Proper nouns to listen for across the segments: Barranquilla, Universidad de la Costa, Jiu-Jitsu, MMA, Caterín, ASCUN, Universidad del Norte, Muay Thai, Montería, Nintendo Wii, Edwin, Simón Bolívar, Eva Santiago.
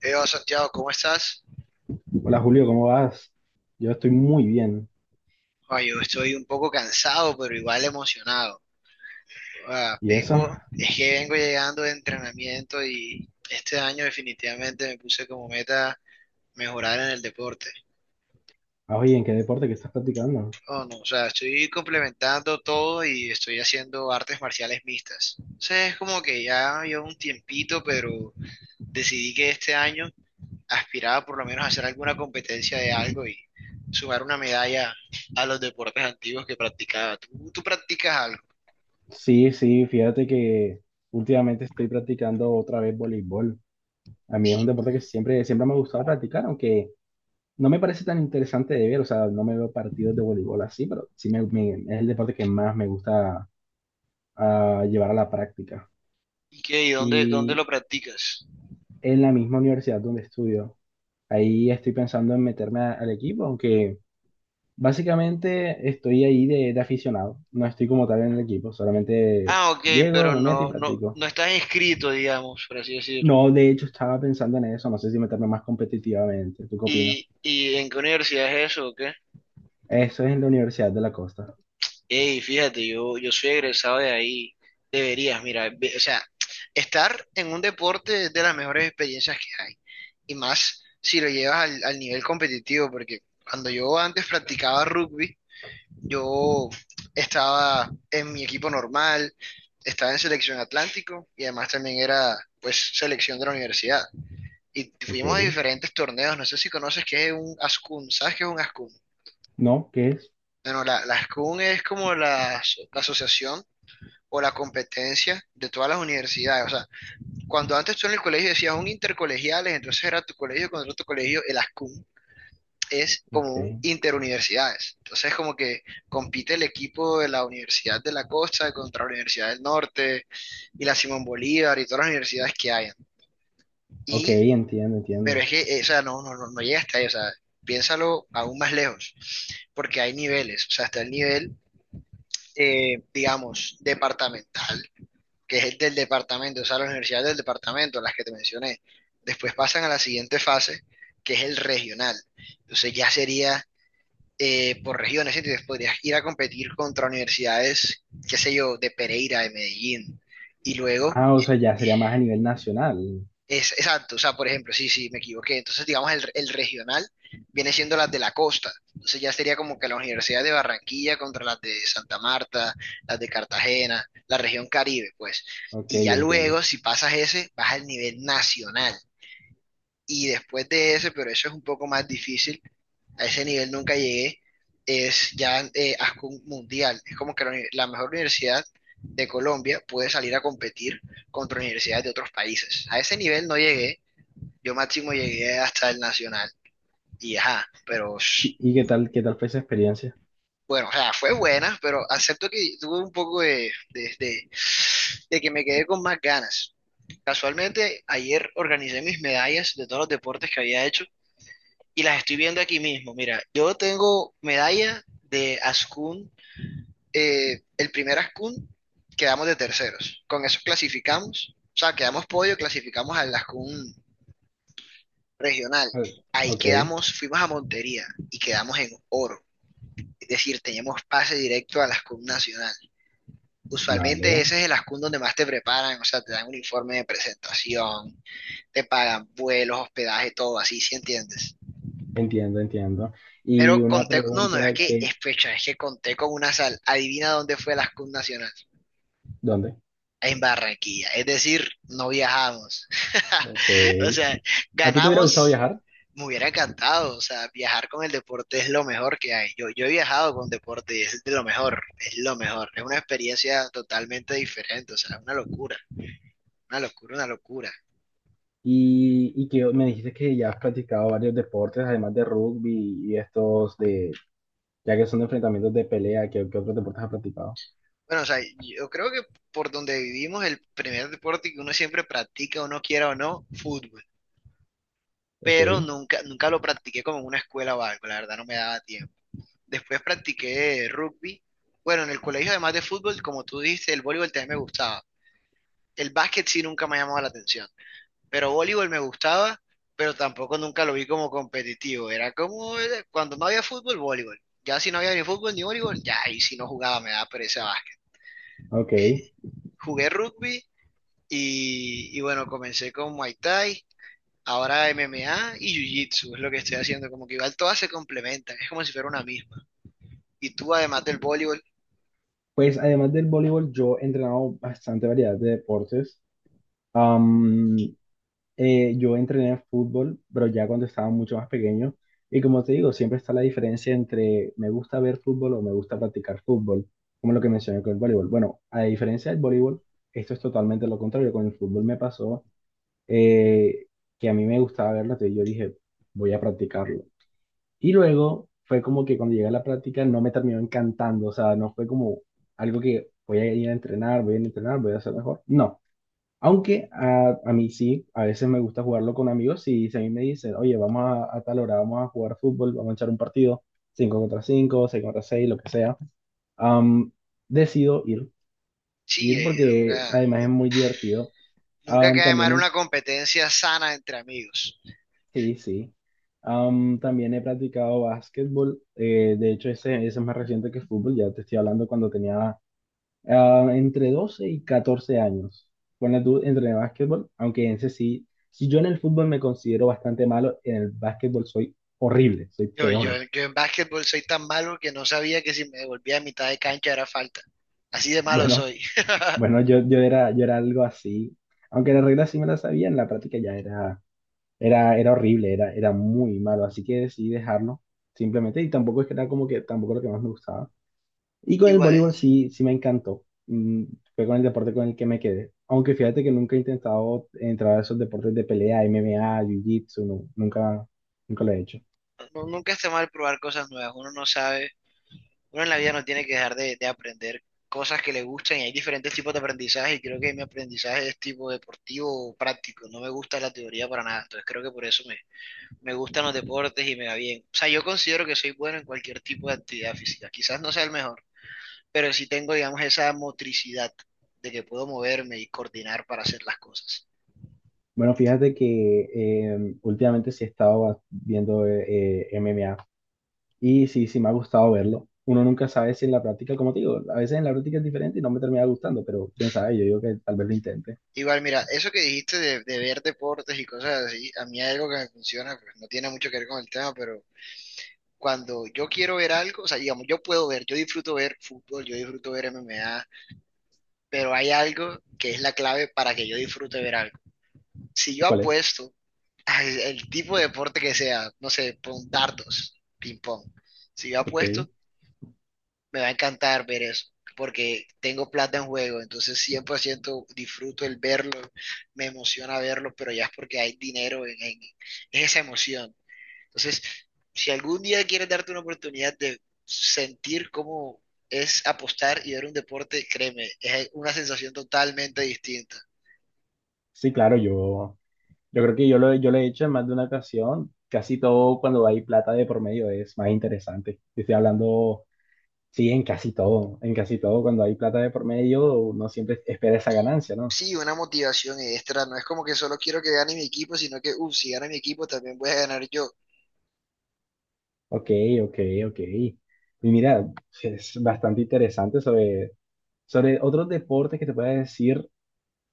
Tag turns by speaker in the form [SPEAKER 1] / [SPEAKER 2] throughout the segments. [SPEAKER 1] Eva Santiago, ¿cómo estás?
[SPEAKER 2] Hola Julio, ¿cómo vas? Yo estoy muy bien.
[SPEAKER 1] Yo estoy un poco cansado, pero igual emocionado.
[SPEAKER 2] ¿Y eso?
[SPEAKER 1] Es que vengo llegando de entrenamiento y este año definitivamente me puse como meta mejorar en el deporte.
[SPEAKER 2] Oye, ¿en qué deporte que estás practicando?
[SPEAKER 1] Oh, no, o sea, estoy complementando todo y estoy haciendo artes marciales mixtas. O sea, es como que ya llevo un tiempito, pero decidí que este año aspiraba por lo menos a hacer alguna competencia de algo y sumar una medalla a los deportes antiguos que practicaba. ¿¿Tú practicas algo?
[SPEAKER 2] Sí, sí, fíjate que últimamente estoy practicando otra vez voleibol. A mí es un deporte que siempre, siempre me ha gustado practicar, aunque no me parece tan interesante de ver, o sea, no me veo partidos de voleibol así, pero sí es el deporte que más me gusta llevar a la práctica.
[SPEAKER 1] ¿Y qué? ¿Y dónde
[SPEAKER 2] Y
[SPEAKER 1] lo practicas?
[SPEAKER 2] en la misma universidad donde estudio, ahí estoy pensando en meterme al equipo, aunque... Básicamente estoy ahí de aficionado, no estoy como tal en el equipo, solamente
[SPEAKER 1] Ah, ok,
[SPEAKER 2] llego,
[SPEAKER 1] pero
[SPEAKER 2] me meto y practico.
[SPEAKER 1] no estás inscrito, digamos, por así decirlo.
[SPEAKER 2] No, de hecho estaba pensando en eso, no sé si meterme más competitivamente, ¿tú qué opinas?
[SPEAKER 1] ¿Y en qué universidad es eso o qué?
[SPEAKER 2] Eso es en la Universidad de la Costa.
[SPEAKER 1] Ey, fíjate, yo soy egresado de ahí. Deberías, mira, o sea, estar en un deporte es de las mejores experiencias que hay. Y más si lo llevas al nivel competitivo, porque cuando yo antes practicaba rugby, yo estaba en mi equipo normal, estaba en selección Atlántico y además también era, pues, selección de la universidad. Y
[SPEAKER 2] Ok.
[SPEAKER 1] fuimos a diferentes torneos, no sé si conoces qué es un ASCUN, ¿sabes qué es un ASCUN?
[SPEAKER 2] ¿No? ¿Qué es?
[SPEAKER 1] Bueno, la ASCUN es como la asociación o la competencia de todas las universidades. O sea, cuando antes tú en el colegio decías un intercolegiales, entonces era tu colegio contra otro colegio, el ASCUM es
[SPEAKER 2] Ok.
[SPEAKER 1] como un interuniversidades. Entonces como que compite el equipo de la Universidad de la Costa contra la Universidad del Norte y la Simón Bolívar y todas las universidades que hayan.
[SPEAKER 2] Ok,
[SPEAKER 1] Y
[SPEAKER 2] entiendo,
[SPEAKER 1] pero
[SPEAKER 2] entiendo.
[SPEAKER 1] es que, o sea, no llega hasta ahí, o sea, piénsalo aún más lejos, porque hay niveles, o sea, está el nivel, digamos, departamental, que es el del departamento, o sea, las universidades del departamento, las que te mencioné. Después pasan a la siguiente fase, que es el regional. Entonces ya sería por regiones, ¿sí? Entonces podrías ir a competir contra universidades, qué sé yo, de Pereira, de Medellín. Y luego
[SPEAKER 2] Ah, o sea, ya sería más a nivel nacional.
[SPEAKER 1] exacto, o sea, por ejemplo, sí, sí, me equivoqué. Entonces, digamos, el regional viene siendo las de la costa. Entonces ya sería como que la Universidad de Barranquilla contra las de Santa Marta, las de Cartagena, la región Caribe, pues.
[SPEAKER 2] Ok,
[SPEAKER 1] Y ya luego,
[SPEAKER 2] entiendo.
[SPEAKER 1] si pasas ese, vas al nivel nacional. Y después de ese, pero eso es un poco más difícil, a ese nivel nunca llegué, es ya ASCUN Mundial. Es como que la mejor universidad de Colombia puede salir a competir contra universidades de otros países. A ese nivel no llegué, yo máximo llegué hasta el nacional y ajá, pero
[SPEAKER 2] ¿Y, y qué tal fue esa experiencia?
[SPEAKER 1] bueno, o sea, fue buena, pero acepto que tuve un poco de que me quedé con más ganas. Casualmente, ayer organicé mis medallas de todos los deportes que había hecho y las estoy viendo aquí mismo. Mira, yo tengo medalla de Ascun, el primer Ascun quedamos de terceros. Con eso clasificamos, o sea, quedamos podio, clasificamos al Ascun regional.
[SPEAKER 2] Vale.
[SPEAKER 1] Ahí
[SPEAKER 2] Ok,
[SPEAKER 1] quedamos, fuimos a Montería y quedamos en oro. Es decir, teníamos pase directo a la SCUM nacional. Usualmente
[SPEAKER 2] vale.
[SPEAKER 1] ese es el ascun donde más te preparan, o sea, te dan un informe de presentación, te pagan vuelos, hospedaje, todo así, ¿sí entiendes?
[SPEAKER 2] Entiendo, entiendo. Y
[SPEAKER 1] Pero
[SPEAKER 2] una
[SPEAKER 1] conté, no, no, es
[SPEAKER 2] pregunta
[SPEAKER 1] que es
[SPEAKER 2] que,
[SPEAKER 1] fecha, es que conté con una sal. Adivina dónde fue la SCUM nacional.
[SPEAKER 2] ¿dónde?
[SPEAKER 1] En Barranquilla. Es decir, no viajamos.
[SPEAKER 2] Ok.
[SPEAKER 1] O sea,
[SPEAKER 2] ¿A ti te hubiera gustado
[SPEAKER 1] ganamos,
[SPEAKER 2] viajar?
[SPEAKER 1] me hubiera encantado. O sea, viajar con el deporte es lo mejor que hay. Yo he viajado con deporte y es de lo mejor. Es una experiencia totalmente diferente. O sea, una locura, una locura, una locura.
[SPEAKER 2] Y que me dijiste que ya has practicado varios deportes, además de rugby y estos de, ya que son de enfrentamientos de pelea, ¿qué, qué otros deportes has practicado?
[SPEAKER 1] Bueno, o sea, yo creo que por donde vivimos, el primer deporte que uno siempre practica, uno quiera o no, fútbol.
[SPEAKER 2] Ok,
[SPEAKER 1] Pero nunca, nunca lo practiqué como en una escuela o algo, la verdad no me daba tiempo. Después practiqué rugby. Bueno, en el colegio, además de fútbol, como tú dijiste, el voleibol también me gustaba. El básquet sí nunca me ha llamado la atención. Pero voleibol me gustaba, pero tampoco nunca lo vi como competitivo. Era como cuando no había fútbol, voleibol. Ya si no había ni fútbol ni voleibol, ya ahí si no jugaba me daba pereza básquet.
[SPEAKER 2] ok.
[SPEAKER 1] Eh, jugué rugby y bueno, comencé con Muay Thai, ahora MMA y Jiu-Jitsu, es lo que estoy haciendo. Como que igual todas se complementan, es como si fuera una misma. Y tú, además del voleibol,
[SPEAKER 2] Pues además del voleibol, yo he entrenado bastante variedad de deportes. Am, yo entrené fútbol, pero ya cuando estaba mucho más pequeño. Y como te digo, siempre está la diferencia entre me gusta ver fútbol o me gusta practicar fútbol, como lo que mencioné con el voleibol. Bueno, a diferencia del voleibol, esto es totalmente lo contrario. Con el fútbol me pasó eh, que a mí me gustaba verlo, entonces yo dije, voy a practicarlo. Y luego fue como que cuando llegué a la práctica no me terminó encantando, o sea, no fue como algo que voy a ir a entrenar, voy a ir a entrenar, voy a hacer mejor. No, aunque a mí sí, a veces me gusta jugarlo con amigos y si a mí me dicen, oye, vamos a tal hora, vamos a jugar fútbol, vamos a echar un partido, 5 contra cinco, 6 contra seis, lo que sea, am, decido
[SPEAKER 1] sí,
[SPEAKER 2] ir porque además es muy divertido.
[SPEAKER 1] nunca
[SPEAKER 2] Am,
[SPEAKER 1] cae
[SPEAKER 2] también,
[SPEAKER 1] mal una
[SPEAKER 2] en-
[SPEAKER 1] competencia sana entre amigos.
[SPEAKER 2] sí, sí, también he practicado básquetbol, de hecho ese es más reciente que fútbol, ya te estoy hablando cuando tenía entre 12 y 14 años. Ponle tú, entre básquetbol, aunque en ese sí, si yo en el fútbol me considero bastante malo, en el básquetbol soy horrible, soy
[SPEAKER 1] Yo, yo,
[SPEAKER 2] peor.
[SPEAKER 1] yo en básquetbol soy tan malo que no sabía que si me devolvía a mitad de cancha era falta. Así de malo
[SPEAKER 2] Bueno,
[SPEAKER 1] soy.
[SPEAKER 2] bueno, yo era, yo era algo así, aunque las reglas sí me las sabía, en la práctica ya era horrible, era muy malo, así que decidí dejarlo simplemente, y tampoco es que era como que, tampoco lo que más me gustaba. Y con el
[SPEAKER 1] Igual,
[SPEAKER 2] voleibol sí, sí me encantó. Fue con el deporte con el que me quedé. Aunque fíjate que nunca he intentado entrar a esos deportes de pelea, MMA, Jiu-Jitsu, no, nunca, nunca lo he hecho.
[SPEAKER 1] nunca está mal probar cosas nuevas. Uno no sabe, uno en la vida no tiene que dejar de aprender cosas que le gustan y hay diferentes tipos de aprendizaje y creo que mi aprendizaje es tipo deportivo o práctico. No me gusta la teoría para nada. Entonces creo que por eso me gustan los deportes y me va bien. O sea, yo considero que soy bueno en cualquier tipo de actividad física. Quizás no sea el mejor pero sí tengo, digamos, esa motricidad de que puedo moverme y coordinar para hacer las cosas.
[SPEAKER 2] Bueno, fíjate que últimamente sí he estado viendo MMA y sí, sí me ha gustado verlo. Uno nunca sabe si en la práctica, como te digo, a veces en la práctica es diferente y no me termina gustando, pero quién sabe, yo digo que tal vez lo intente.
[SPEAKER 1] Igual, mira, eso que dijiste de ver deportes y cosas así, a mí hay algo que me funciona, pues no tiene mucho que ver con el tema, pero cuando yo quiero ver algo, o sea, digamos, yo puedo ver, yo disfruto ver fútbol, yo disfruto ver M M A pero hay algo que es la clave para que yo disfrute ver algo. Si
[SPEAKER 2] ¿Y
[SPEAKER 1] yo
[SPEAKER 2] cuál es?
[SPEAKER 1] apuesto al el tipo de deporte que sea, no sé, pon dardos, ping pong, si yo
[SPEAKER 2] Ok.
[SPEAKER 1] apuesto, me va a encantar ver eso, porque tengo plata en juego, entonces 100% disfruto el verlo, me emociona verlo, pero ya es porque hay dinero en esa emoción. Entonces, si algún día quieres darte una oportunidad de sentir cómo es apostar y ver un deporte, créeme, es una sensación totalmente distinta.
[SPEAKER 2] Sí, claro, yo creo que yo lo he hecho en más de una ocasión. Casi todo cuando hay plata de por medio es más interesante. Yo Estoy hablando, sí, en casi todo. En casi todo, cuando hay plata de por medio, uno siempre espera esa ganancia, ¿no?
[SPEAKER 1] Sí, una motivación extra, no es como que solo quiero que gane mi equipo, sino que, uff, si gana mi equipo también voy a ganar yo.
[SPEAKER 2] Ok, ok, ok. Y mira, es bastante interesante sobre otros deportes que te pueda decir.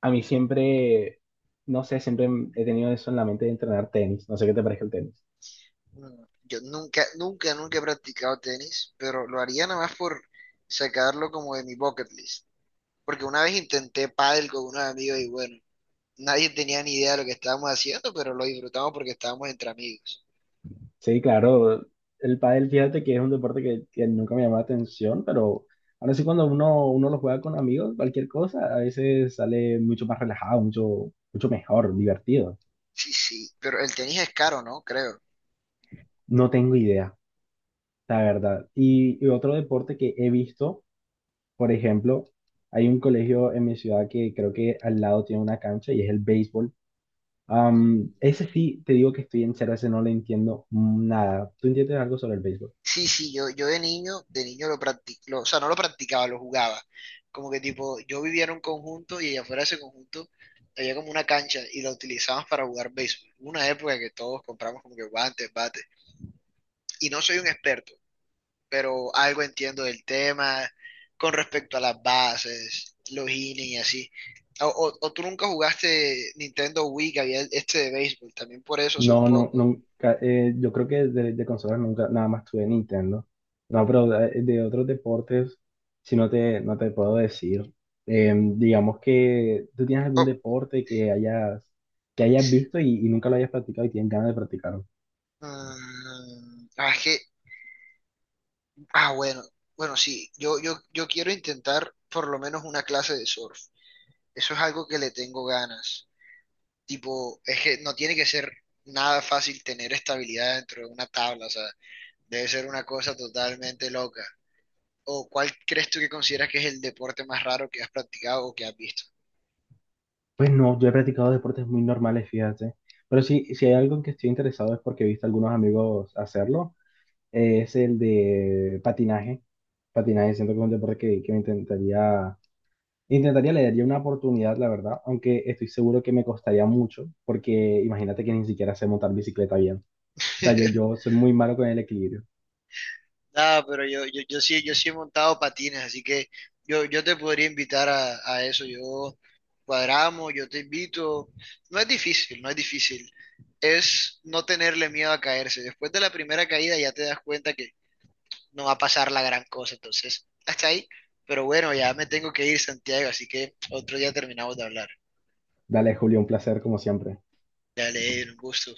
[SPEAKER 2] A mí siempre, no sé, siempre he tenido eso en la mente de entrenar tenis. No sé qué te parece el tenis.
[SPEAKER 1] Yo nunca, nunca, nunca he practicado tenis, pero lo haría nada más por sacarlo como de mi bucket list. Porque una vez intenté pádel con unos amigos y bueno, nadie tenía ni idea de lo que estábamos haciendo, pero lo disfrutamos porque estábamos entre amigos.
[SPEAKER 2] Sí, claro. El pádel, fíjate que es un deporte que nunca me llamó la atención, pero ahora sí cuando uno lo juega con amigos, cualquier cosa, a veces sale mucho más relajado, mucho, mucho mejor, divertido.
[SPEAKER 1] Sí, sí, pero el tenis es caro, ¿no? Creo.
[SPEAKER 2] No tengo idea, la verdad. Y otro deporte que he visto, por ejemplo, hay un colegio en mi ciudad que creo que al lado tiene una cancha y es el béisbol.
[SPEAKER 1] Mm,
[SPEAKER 2] Am, ese sí, te digo que estoy en cero, ese no le entiendo nada. ¿Tú entiendes algo sobre el béisbol?
[SPEAKER 1] Sí, sí, yo de niño lo practicaba, o sea, no lo practicaba, lo jugaba. Como que tipo, yo vivía en un conjunto y afuera de ese conjunto había como una cancha y la utilizaban para jugar béisbol. Hubo una época que todos compramos como que guantes, bates. Y no soy un experto, pero algo entiendo del tema con respecto a las bases, los innings y así. O tú nunca jugaste Nintendo Wii, que había este de béisbol, también por eso sé un
[SPEAKER 2] No, no,
[SPEAKER 1] poco.
[SPEAKER 2] nunca. Eh, yo creo que de consolas nunca, nada más tuve Nintendo. No, pero de otros deportes, si no no te puedo decir. Digamos que tú tienes algún
[SPEAKER 1] Oh,
[SPEAKER 2] deporte que hayas visto y nunca lo hayas practicado y tienes ganas de practicarlo.
[SPEAKER 1] mm, ah, es que Ah, bueno, bueno, sí, yo quiero intentar por lo menos una clase de surf. Eso es algo que le tengo ganas. Tipo, es que no tiene que ser nada fácil tener estabilidad dentro de una tabla, o sea, debe ser una cosa totalmente loca. ¿O cuál crees tú que consideras que es el deporte más raro que has practicado o que has visto?
[SPEAKER 2] Pues no, yo he practicado deportes muy normales, fíjate. Pero sí, si hay algo en que estoy interesado es porque he visto a algunos amigos hacerlo. Eh, es el de patinaje. Patinaje, siento que es un deporte que me intentaría intentaría, le daría una oportunidad, la verdad, aunque estoy seguro que me costaría mucho, porque imagínate que ni siquiera sé montar bicicleta bien. O sea, yo soy muy malo con el equilibrio.
[SPEAKER 1] Nada, pero yo sí he montado patines, así que yo te podría invitar a eso. Yo cuadramos, yo te invito. No es difícil, no es difícil. Es no tenerle miedo a caerse. Después de la primera caída ya te das cuenta que no va a pasar la gran cosa. Entonces, hasta ahí. Pero bueno, ya me tengo que ir, Santiago, así que otro día terminamos de hablar.
[SPEAKER 2] Dale, Julio, un placer como siempre.
[SPEAKER 1] Dale, Edwin, un gusto.